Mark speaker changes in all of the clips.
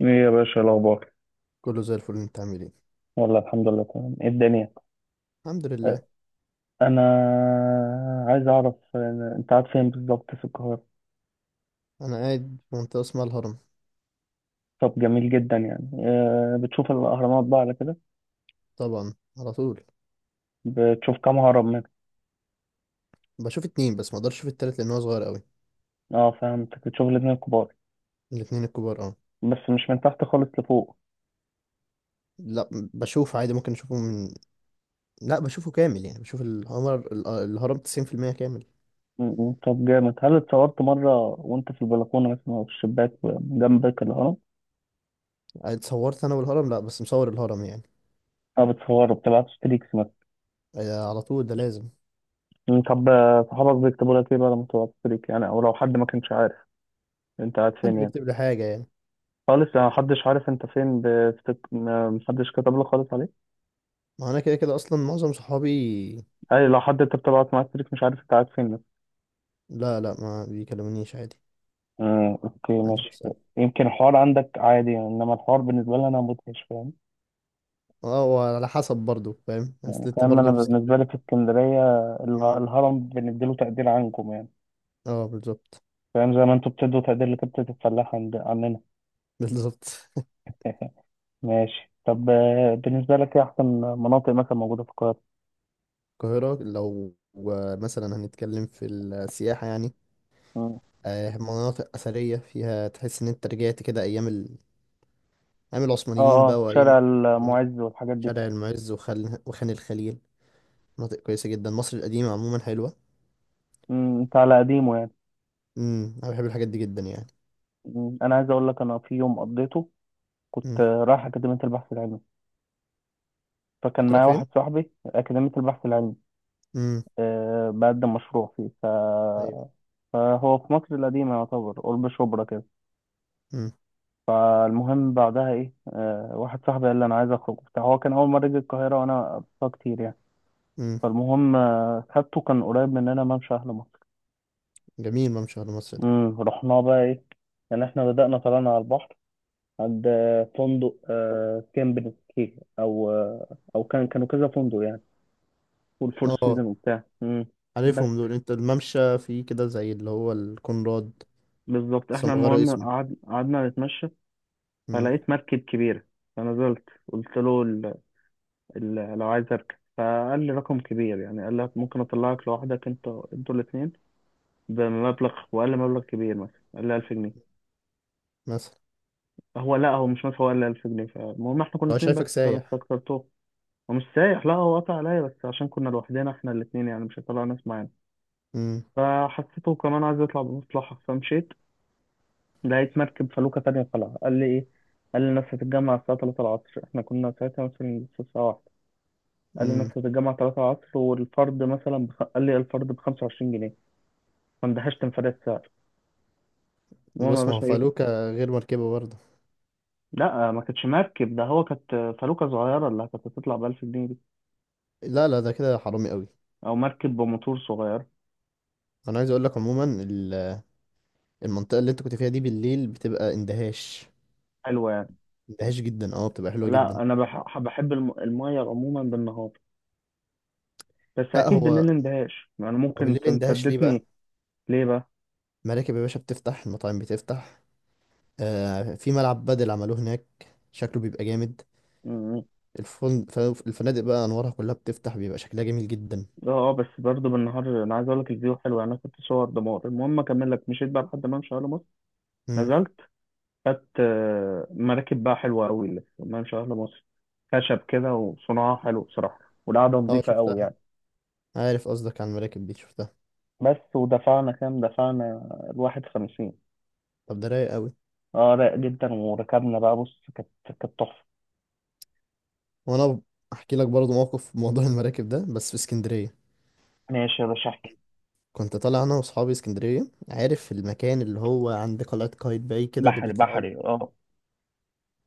Speaker 1: ايه يا باشا الاخبار؟
Speaker 2: كله زي الفل، انت عامل ايه؟
Speaker 1: والله الحمد لله تمام. ايه الدنيا؟
Speaker 2: الحمد
Speaker 1: أه،
Speaker 2: لله.
Speaker 1: انا عايز اعرف انت قاعد فين بالظبط في القاهره؟
Speaker 2: انا قاعد في منطقه اسمها الهرم.
Speaker 1: طب جميل جدا يعني، بتشوف الاهرامات بقى على كده؟
Speaker 2: طبعا، على طول.
Speaker 1: بتشوف كام هرم منها؟
Speaker 2: بشوف اتنين بس، ما اقدرش اشوف التالت لان هو صغير قوي.
Speaker 1: اه، فهمتك، بتشوف الاتنين الكبار؟
Speaker 2: الاتنين الكبار، اه.
Speaker 1: بس مش من تحت خالص لفوق؟
Speaker 2: لا، بشوف عادي، ممكن اشوفه من. لا، بشوفه كامل يعني، بشوف الهرم 90% كامل.
Speaker 1: م- م، طب جامد. هل اتصورت مره وانت في البلكونه مثلا او في الشباك جنبك الهرم؟
Speaker 2: اتصورت انا والهرم؟ لا، بس مصور الهرم يعني.
Speaker 1: اه، بتصوروا، بتبعت ستريكس مثلا؟
Speaker 2: اه، على طول، ده لازم.
Speaker 1: طب صحابك بيكتبوا لك ايه بقى لما تبعت ستريك يعني، او لو حد ما كانش عارف انت قاعد
Speaker 2: محدش
Speaker 1: فين يعني؟
Speaker 2: بيكتب لي حاجه يعني.
Speaker 1: خالص، يعني محدش عارف انت فين بفتك... ما- محدش كتب لك خالص عليه؟
Speaker 2: ما انا كده كده اصلا معظم صحابي.
Speaker 1: اي لو حد انت بتبعت معاه ستريك مش عارف انت قاعد فين مثلا؟
Speaker 2: لا لا، ما بيكلمونيش عادي.
Speaker 1: اوكي
Speaker 2: محدش
Speaker 1: ماشي.
Speaker 2: بيسأل.
Speaker 1: يمكن الحوار عندك عادي يعني، انما الحوار بالنسبه لي انا مدهش فاهم.
Speaker 2: اه، وعلى حسب برضو، فاهم،
Speaker 1: يعني
Speaker 2: اصل انت
Speaker 1: فاهم، انا
Speaker 2: برضو في
Speaker 1: بالنسبه لي في
Speaker 2: اسكندريه.
Speaker 1: اسكندريه
Speaker 2: مم.
Speaker 1: الهرم بنديله تقدير عنكم يعني.
Speaker 2: اه، بالظبط.
Speaker 1: فاهم، زي ما انتوا بتدوا تقدير لكبتة الفلاح عند عننا.
Speaker 2: بالظبط.
Speaker 1: ماشي طب، بالنسبه لك ايه احسن مناطق مثلا موجوده في القاهره؟
Speaker 2: القاهرة لو مثلا هنتكلم في السياحة يعني،
Speaker 1: مم.
Speaker 2: آه، مناطق أثرية فيها تحس إن أنت رجعت كده أيام
Speaker 1: اه،
Speaker 2: العثمانيين بقى
Speaker 1: اه، شارع
Speaker 2: وأيام.
Speaker 1: المعز والحاجات دي.
Speaker 2: شارع المعز وخان الخليل، مناطق كويسة جدا، مصر القديمة عموما حلوة.
Speaker 1: انت على قديمه يعني.
Speaker 2: امم، أنا بحب الحاجات دي جدا يعني.
Speaker 1: مم. انا عايز اقول لك، انا في يوم قضيته كنت
Speaker 2: امم.
Speaker 1: رايح اكاديميه البحث العلمي. فكان
Speaker 2: كنت رايح
Speaker 1: معايا
Speaker 2: فين؟
Speaker 1: واحد صاحبي اكاديميه البحث العلمي.
Speaker 2: امم.
Speaker 1: بقدم مشروع فيه،
Speaker 2: أيوه.
Speaker 1: فهو في مصر القديمه يعتبر قرب شبرا كده.
Speaker 2: امم.
Speaker 1: فالمهم بعدها ايه، واحد صاحبي قال لي انا عايز اخرج وبتاع، هو كان اول مره يجي القاهره وانا قضيتها كتير يعني.
Speaker 2: امم.
Speaker 1: فالمهم خدته، كان قريب مننا ممشى اهل مصر.
Speaker 2: جميل، ممشى على مصر ده.
Speaker 1: امم، رحنا بقى ايه، يعني احنا بدأنا طلعنا على البحر عند فندق كامب كي او، كانوا كذا فندق يعني، والفور
Speaker 2: اه،
Speaker 1: سيزون وبتاع. بس
Speaker 2: عارفهم دول، أنت الممشى فيه كده زي اللي هو الكونراد؟
Speaker 1: بالظبط
Speaker 2: بس هم
Speaker 1: احنا
Speaker 2: غيروا
Speaker 1: المهم
Speaker 2: اسمه.
Speaker 1: قعدنا نتمشى،
Speaker 2: امم.
Speaker 1: فلقيت مركب كبيرة. فنزلت قلت له لو عايز اركب، فقال لي رقم كبير يعني. قال لك ممكن اطلعك لوحدك، انتوا الاثنين بمبلغ، وقال لي مبلغ كبير، مثلا قال لي 1000 جنيه.
Speaker 2: مثلا.
Speaker 1: هو، لا هو مش مثلا، هو قال لي 1000 جنيه. فالمهم احنا كنا
Speaker 2: هو
Speaker 1: اثنين بس،
Speaker 2: شايفك
Speaker 1: فانا
Speaker 2: سايح.
Speaker 1: استكترته، ومش سايح. لا، هو قطع عليا بس عشان كنا لوحدنا احنا الاثنين، يعني مش هيطلع ناس معانا. فحسيته كمان عايز يطلع بمصلحة، فمشيت، لقيت مركب فلوكة تانية طالعة. قال لي إيه؟ قال لي الناس هتتجمع الساعة 3 العصر، إحنا كنا ساعتها مثلا لسه الساعة واحدة. قال لي الناس
Speaker 2: امم.
Speaker 1: هتتجمع 3 العصر، والفرد مثلا قال لي الفرد ب 25 جنيه. فاندهشت، انفلات سعر. المهم يا
Speaker 2: بص، ما هو
Speaker 1: باشا إيه.
Speaker 2: فالوكا غير مركبه برضه.
Speaker 1: لا ما كانتش مركب، ده هو كانت فلوكة صغيرة اللي كانت هتطلع ب 1000 جنيه دي،
Speaker 2: لا لا، ده كده حرامي قوي.
Speaker 1: أو مركب بموتور صغير.
Speaker 2: انا عايز اقول لك عموما، المنطقه اللي انت كنت فيها دي بالليل بتبقى اندهاش.
Speaker 1: حلوة يعني.
Speaker 2: اندهاش جدا، اه، بتبقى حلوه جدا.
Speaker 1: لا، أنا بحب المية عموما بالنهار، بس
Speaker 2: لا،
Speaker 1: أكيد
Speaker 2: هو
Speaker 1: بالليل اندهاش يعني،
Speaker 2: هو
Speaker 1: ممكن
Speaker 2: بالليل اندهاش ليه بقى؟
Speaker 1: تمتدتني. ليه بقى؟
Speaker 2: مراكب يا باشا بتفتح، المطاعم بتفتح. آه، في ملعب بدل عملوه هناك، شكله بيبقى جامد. الفن... ف- الفنادق بقى انوارها كلها بتفتح، بيبقى شكلها جميل جدا.
Speaker 1: اه بس برضه بالنهار انا عايز اقول لك الفيو حلو يعني. انا كنت صور دمار. المهم اكمل لك، مشيت بقى لحد ممشى اهل مصر،
Speaker 2: امم.
Speaker 1: نزلت، خدت مراكب بقى حلوه قوي اللي في ممشى اهل مصر. خشب كده وصناعه حلو بصراحه، والقعده
Speaker 2: اه،
Speaker 1: نظيفه قوي
Speaker 2: شفتها.
Speaker 1: يعني.
Speaker 2: عارف قصدك، عن المراكب دي شفتها.
Speaker 1: بس ودفعنا كام، دفعنا الواحد 50.
Speaker 2: طب ده رايق قوي.
Speaker 1: اه، رايق جدا، وركبنا بقى. بص، كانت تحفه.
Speaker 2: وانا احكي لك برضه موقف في موضوع المراكب ده، بس في اسكندريه.
Speaker 1: ماشي يا باشا احكي.
Speaker 2: كنت طالع انا واصحابي اسكندريه، عارف المكان اللي هو عند قلعه قايتباي كده، اللي
Speaker 1: بحري،
Speaker 2: بيطلعوا.
Speaker 1: بحري اه.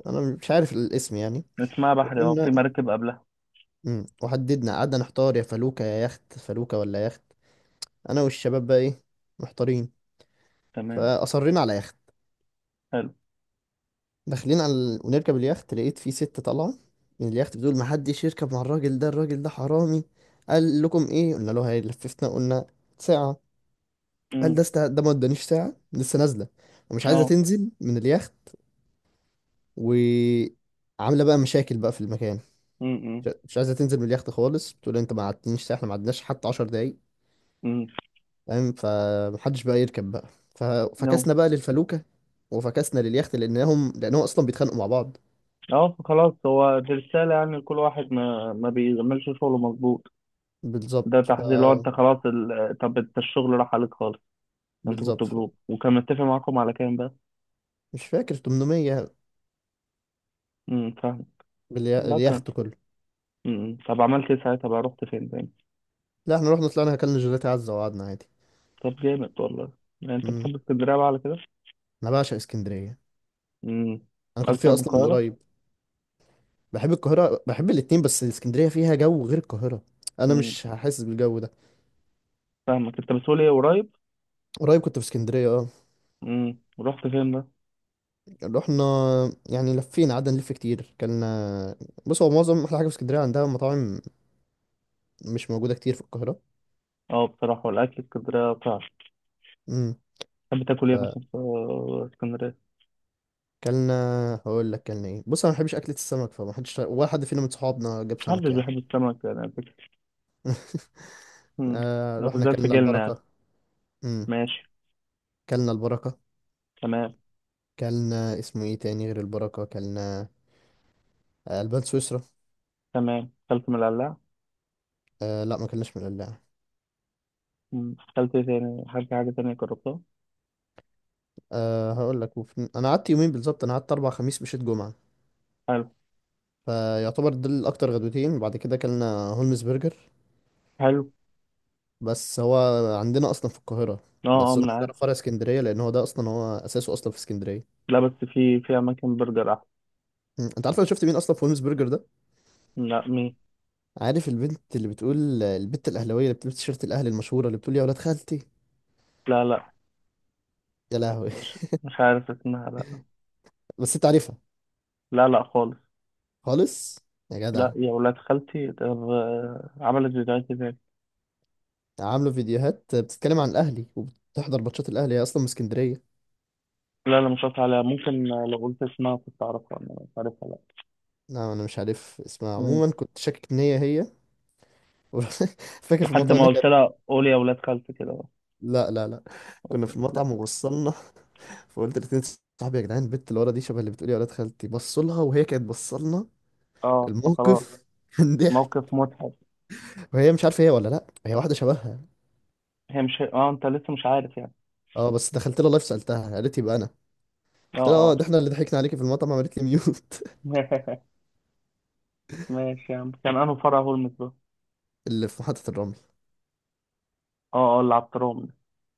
Speaker 2: انا مش عارف الاسم يعني.
Speaker 1: اسمها بحري، اه، في
Speaker 2: وكنا.
Speaker 1: مراكب قبلها.
Speaker 2: مم. وحددنا، قعدنا نحتار يا فلوكه يا يخت، فلوكه ولا يخت. انا والشباب بقى ايه، محتارين.
Speaker 1: تمام.
Speaker 2: فاصرينا على يخت.
Speaker 1: حلو.
Speaker 2: داخلين على ونركب اليخت، لقيت في ست طالعه من اليخت بتقول: ما حدش يركب مع الراجل ده، الراجل ده حرامي. قال لكم ايه؟ قلنا له هيلففنا، قلنا ساعه. قال
Speaker 1: امم.
Speaker 2: ده ده ما ادانيش ساعه، لسه نازله، ومش عايزه
Speaker 1: اه.
Speaker 2: تنزل من اليخت. وعامله بقى مشاكل بقى في المكان.
Speaker 1: امم.
Speaker 2: مش عايزه تنزل من اليخت خالص، بتقول انت ما قعدتنيش ساعه، احنا ما قعدناش حتى 10 دقايق.
Speaker 1: امم.
Speaker 2: فاهم؟ فمحدش بقى يركب بقى. ففكسنا بقى للفلوكه وفكسنا لليخت، لانهم اصلا بيتخانقوا مع بعض.
Speaker 1: اه. خلاص، هو دي رسالة يعني لكل واحد ما بيعملش شغله مظبوط.
Speaker 2: بالظبط
Speaker 1: ده
Speaker 2: ف...
Speaker 1: تحذير، لو انت خلاص طب انت الشغل راح عليك خالص. انتوا
Speaker 2: بالظبط
Speaker 1: كنتوا
Speaker 2: ف...
Speaker 1: جروب، وكان متفق معاكم على كام بقى؟
Speaker 2: مش فاكر، 800،
Speaker 1: امم، فاهم. لا كان.
Speaker 2: اليخت كله.
Speaker 1: امم، طب عملت ايه ساعتها بقى، رحت فين تاني؟
Speaker 2: لا، احنا رحنا، طلعنا اكلنا جيلاتي عزه وقعدنا عادي.
Speaker 1: طب جامد والله. يعني انت
Speaker 2: مم.
Speaker 1: بتحب اسكندرية بقى على كده.
Speaker 2: انا بعشق اسكندريه.
Speaker 1: امم،
Speaker 2: انا كنت
Speaker 1: اكتر
Speaker 2: فيها
Speaker 1: من
Speaker 2: اصلا من
Speaker 1: القاهرة؟
Speaker 2: قريب. بحب القاهره، بحب الاتنين، بس اسكندريه فيها جو غير القاهره، انا
Speaker 1: امم،
Speaker 2: مش هحس بالجو ده.
Speaker 1: فاهمك. انت بتقول ايه قريب؟
Speaker 2: قريب كنت في اسكندرية، اه.
Speaker 1: امم، رحت فين بقى؟
Speaker 2: رحنا، يعني لفينا، قعدنا نلف كتير، كان، بص، هو معظم أحلى حاجة في اسكندرية عندها مطاعم مش موجودة كتير في القاهرة.
Speaker 1: اه بصراحة، والاكل في اسكندرية بتاع.
Speaker 2: امم.
Speaker 1: تحب تاكل ايه مثلا في اسكندرية؟
Speaker 2: فكلنا، هقول لك كلنا ايه، بص، أنا ما بحبش أكلة السمك، فما حدش ولا حد فينا من صحابنا جاب سمك
Speaker 1: محدش
Speaker 2: يعني.
Speaker 1: بيحب السمك يعني. مم.
Speaker 2: آه، رحنا
Speaker 1: وزاد في
Speaker 2: كلنا
Speaker 1: جيلنا يعني.
Speaker 2: البركة. امم.
Speaker 1: ماشي.
Speaker 2: كلنا البركة.
Speaker 1: تمام،
Speaker 2: كلنا اسمه ايه تاني غير البركة، كلنا آه، البان سويسرا.
Speaker 1: تمام. أكلت من القلاع؟
Speaker 2: آه لا، ما كلناش من القلاع.
Speaker 1: مم. أكلت إيه تاني، حاجة حاجة تانية جربتها؟
Speaker 2: آه هقول لك، انا قعدت يومين بالظبط، انا قعدت اربع، خميس مشيت جمعة.
Speaker 1: حلو.
Speaker 2: فيعتبر دول اكتر غدوتين، بعد كده اكلنا هولمز برجر.
Speaker 1: حلو.
Speaker 2: بس هو عندنا اصلا في القاهره،
Speaker 1: اه، اه،
Speaker 2: بس قلنا
Speaker 1: من
Speaker 2: نجرب
Speaker 1: عارف.
Speaker 2: فرع اسكندريه لان هو ده اصلا، هو اساسه اصلا في اسكندريه.
Speaker 1: لا بس، في أماكن برجر أحسن.
Speaker 2: مم. انت عارف انا شفت مين اصلا في هولمز برجر ده؟
Speaker 1: لا، مين؟
Speaker 2: عارف البنت اللي بتقول، البنت الاهلاويه اللي بتلبس تيشيرت الاهلي المشهوره اللي بتقول يا ولاد خالتي،
Speaker 1: لا، لا،
Speaker 2: يا لهوي؟
Speaker 1: مش عارف اسمها، لا.
Speaker 2: بس انت عارفها.
Speaker 1: لا، لا، خالص.
Speaker 2: خالص. يا
Speaker 1: لا،
Speaker 2: جدع.
Speaker 1: يا ولاد خالتي. طب عملت فيديوهات ازاي؟
Speaker 2: عامله فيديوهات بتتكلم عن الاهلي وبتحضر ماتشات الاهلي، هي اصلا من اسكندريه.
Speaker 1: لا، لا، مش قصدي عليها. ممكن لو قلت اسمها كنت أعرفها. أنا مش عارفها، لا.
Speaker 2: لا، انا مش عارف اسمها
Speaker 1: مم.
Speaker 2: عموما، كنت شاكك ان هي هي. فاكر في
Speaker 1: لحد
Speaker 2: المطعم
Speaker 1: ما
Speaker 2: هناك.
Speaker 1: قلت لها قول يا ولاد خالتي كده.
Speaker 2: لا لا لا،
Speaker 1: بس.
Speaker 2: كنا في
Speaker 1: لا.
Speaker 2: المطعم ووصلنا. فقلت لاتنين صاحبي: يا جدعان، البت اللي ورا دي شبه اللي بتقولي يا ولاد خالتي، بصوا لها، وهي كانت بصلنا.
Speaker 1: اه، فخلاص.
Speaker 2: الموقف كان ضحك.
Speaker 1: موقف مضحك.
Speaker 2: وهي مش عارفه هي ولا لا، هي واحده شبهها.
Speaker 1: هي مش اه، انت لسه مش عارف يعني؟
Speaker 2: اه، بس دخلت لها لايف، سالتها، قالت يبقى انا.
Speaker 1: اه،
Speaker 2: قلت لها اه،
Speaker 1: اه.
Speaker 2: ده احنا اللي ضحكنا عليكي في المطعم، عملت لي ميوت.
Speaker 1: ماشي يا عم. كان انه فرع هو المترو.
Speaker 2: اللي في محطه الرمل.
Speaker 1: اه، اه، اللي على الترام.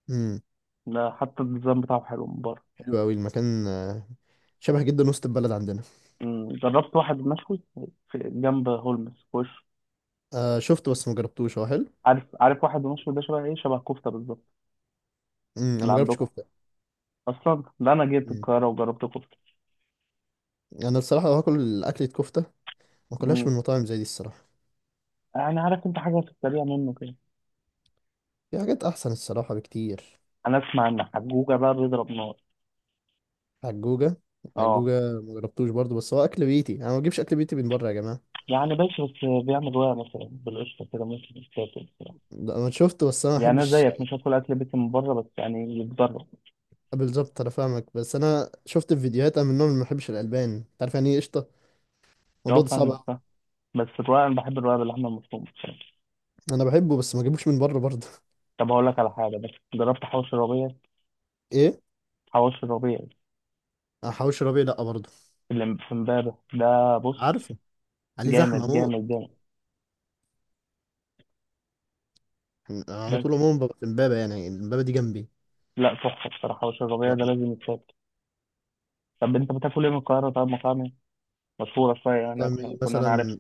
Speaker 2: امم.
Speaker 1: ده حتى الديزاين بتاعه حلو من بره.
Speaker 2: حلو قوي المكان، آه، شبه جدا وسط البلد عندنا.
Speaker 1: جربت واحد مشوي في جنب هولمز في وش؟
Speaker 2: آه شفته بس ما جربتوش، هو حلو.
Speaker 1: عارف، عارف. واحد مشوي ده شبه ايه، شبه كفته بالظبط
Speaker 2: امم. انا
Speaker 1: اللي
Speaker 2: ما جربتش
Speaker 1: عندكم.
Speaker 2: كفته.
Speaker 1: اصلا ده انا جيت
Speaker 2: امم.
Speaker 1: القاهره وجربت كفته.
Speaker 2: انا الصراحه لو هاكل اكله كفته، ما اكلهاش
Speaker 1: أمم،
Speaker 2: من مطاعم زي دي الصراحه.
Speaker 1: يعني عارف، انت حاجه في السريع منه كده.
Speaker 2: في حاجات احسن الصراحه بكتير.
Speaker 1: انا اسمع ان حجوجه بقى بيضرب نار.
Speaker 2: حجوجة؟
Speaker 1: اه.
Speaker 2: حجوجة، ما جربتوش برضه، بس هو اكل بيتي، انا ما بجيبش اكل بيتي من بره يا جماعة.
Speaker 1: يعني بس بيعمل رواية مثلا بالقشطه كده ممكن يتاكل.
Speaker 2: ده انا شفته بس انا ما
Speaker 1: يعني انا
Speaker 2: بحبش.
Speaker 1: زيك مش هدخل اكل بيتي من بره، بس يعني يتجرب.
Speaker 2: بالظبط، انا فاهمك، بس انا شفت في فيديوهات، انا من النوع اللي ما بحبش الالبان، انت عارف يعني ايه قشطة، الموضوع
Speaker 1: اه
Speaker 2: ده صعب
Speaker 1: فاهمك،
Speaker 2: أوي.
Speaker 1: فاهم. بس الرقاق انا بحب الرقاق باللحمه المفرومه بصراحة.
Speaker 2: انا بحبه بس ما بجيبوش من بره برضه.
Speaker 1: طب هقول لك على حاجه، بس جربت حواوشي الربيع؟
Speaker 2: ايه؟
Speaker 1: حواوشي الربيع
Speaker 2: أنا حواوشي ربيع لا برضه.
Speaker 1: اللي في امبابه ده، بص،
Speaker 2: عارفه، عليه
Speaker 1: جامد
Speaker 2: زحمة
Speaker 1: جامد
Speaker 2: موت.
Speaker 1: جامد.
Speaker 2: أنا على طول
Speaker 1: بس
Speaker 2: عموما ببقى في امبابة، يعني امبابة دي جنبي.
Speaker 1: لا، تحفه بصراحه. حواوشي الربيع ده لازم يتاكل. طب انت بتاكل ايه من القاهره، طب مطاعم إيه مشهوره شويه يعني؟
Speaker 2: طب إيه
Speaker 1: كنا انا عارف.
Speaker 2: مثلا؟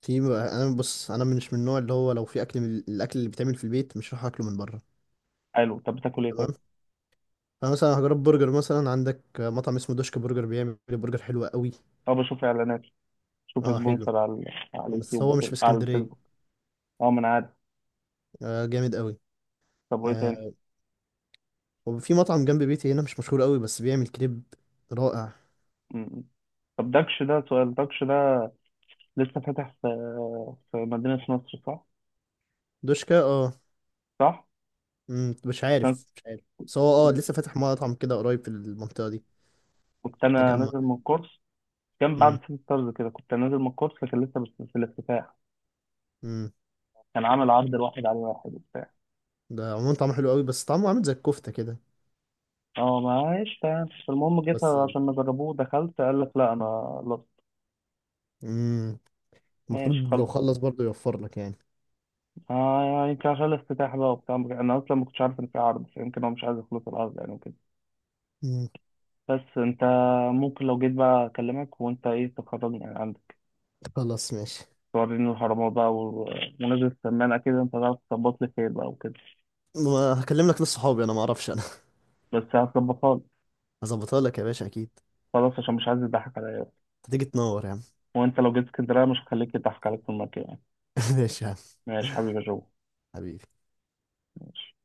Speaker 2: في، انا بص، انا مش من النوع اللي هو لو في اكل من الاكل اللي بيتعمل في البيت، مش هروح اكله من بره.
Speaker 1: حلو. طب بتاكل ايه طيب؟
Speaker 2: انا مثلا هجرب برجر، مثلا عندك مطعم اسمه دوشك برجر، بيعمل برجر حلو قوي.
Speaker 1: اه، بشوف اعلانات، بشوف
Speaker 2: اه حلو.
Speaker 1: سبونسر على
Speaker 2: بس
Speaker 1: اليوتيوب
Speaker 2: هو مش
Speaker 1: وكده،
Speaker 2: في
Speaker 1: على الفيسبوك.
Speaker 2: اسكندريه.
Speaker 1: اه، ما انا عارف.
Speaker 2: آه جامد قوي.
Speaker 1: طب وايه تاني؟
Speaker 2: آه، وفي مطعم جنب بيتي هنا مش مشهور قوي، بس بيعمل كريب رائع.
Speaker 1: م. طب دكش ده، سؤال دكش ده لسه فاتح في مدينة نصر صح؟
Speaker 2: دوشكا، اه.
Speaker 1: صح؟
Speaker 2: مم، مش
Speaker 1: كنت،
Speaker 2: عارف مش عارف. بس هو اه لسه فاتح مطعم كده قريب في المنطقه دي،
Speaker 1: أنا
Speaker 2: تجمع.
Speaker 1: نازل من كورس. كان بعد
Speaker 2: مم.
Speaker 1: سيتي ستارز كده، كنت نازل من كورس، لكن لسه بس في الافتتاح.
Speaker 2: مم.
Speaker 1: كان عامل عرض الواحد على واحد وبتاع.
Speaker 2: ده عموما طعمه حلو قوي، بس طعمه عامل زي الكفته كده.
Speaker 1: اه معلش، تمام. المهم جيت
Speaker 2: بس.
Speaker 1: عشان نجربوه، دخلت، قال لك لا أنا. لا
Speaker 2: مم.
Speaker 1: ماشي،
Speaker 2: المفروض
Speaker 1: خلص.
Speaker 2: لو خلص برضه يوفر لك يعني.
Speaker 1: اه، يعني يمكن عشان الافتتاح بقى وبتاع، أنا أصلا ما كنتش عارف إن في عرض، فيمكن هو مش عايز يخلص العرض يعني وكده.
Speaker 2: مم.
Speaker 1: بس أنت ممكن، لو جيت بقى أكلمك، وأنت إيه تخرجني يعني عندك.
Speaker 2: خلاص، ماشي.
Speaker 1: توريني الحرامية بقى ونزل السمان. أكيد أنت هتعرف تظبط لي خير بقى وكده.
Speaker 2: ما هكلم لك ناس صحابي، انا ما اعرفش.
Speaker 1: بس هتظبطها لي.
Speaker 2: هظبطها لك يا باشا اكيد.
Speaker 1: خلاص عشان مش عايز يضحك عليا.
Speaker 2: هتيجي تنور يا عم.
Speaker 1: وأنت لو جيت اسكندرية، مش هخليك يضحك عليك في المكان يعني.
Speaker 2: ماشي يا عم.
Speaker 1: ماشي حبيبي يا جو.
Speaker 2: حبيبي.
Speaker 1: ماشي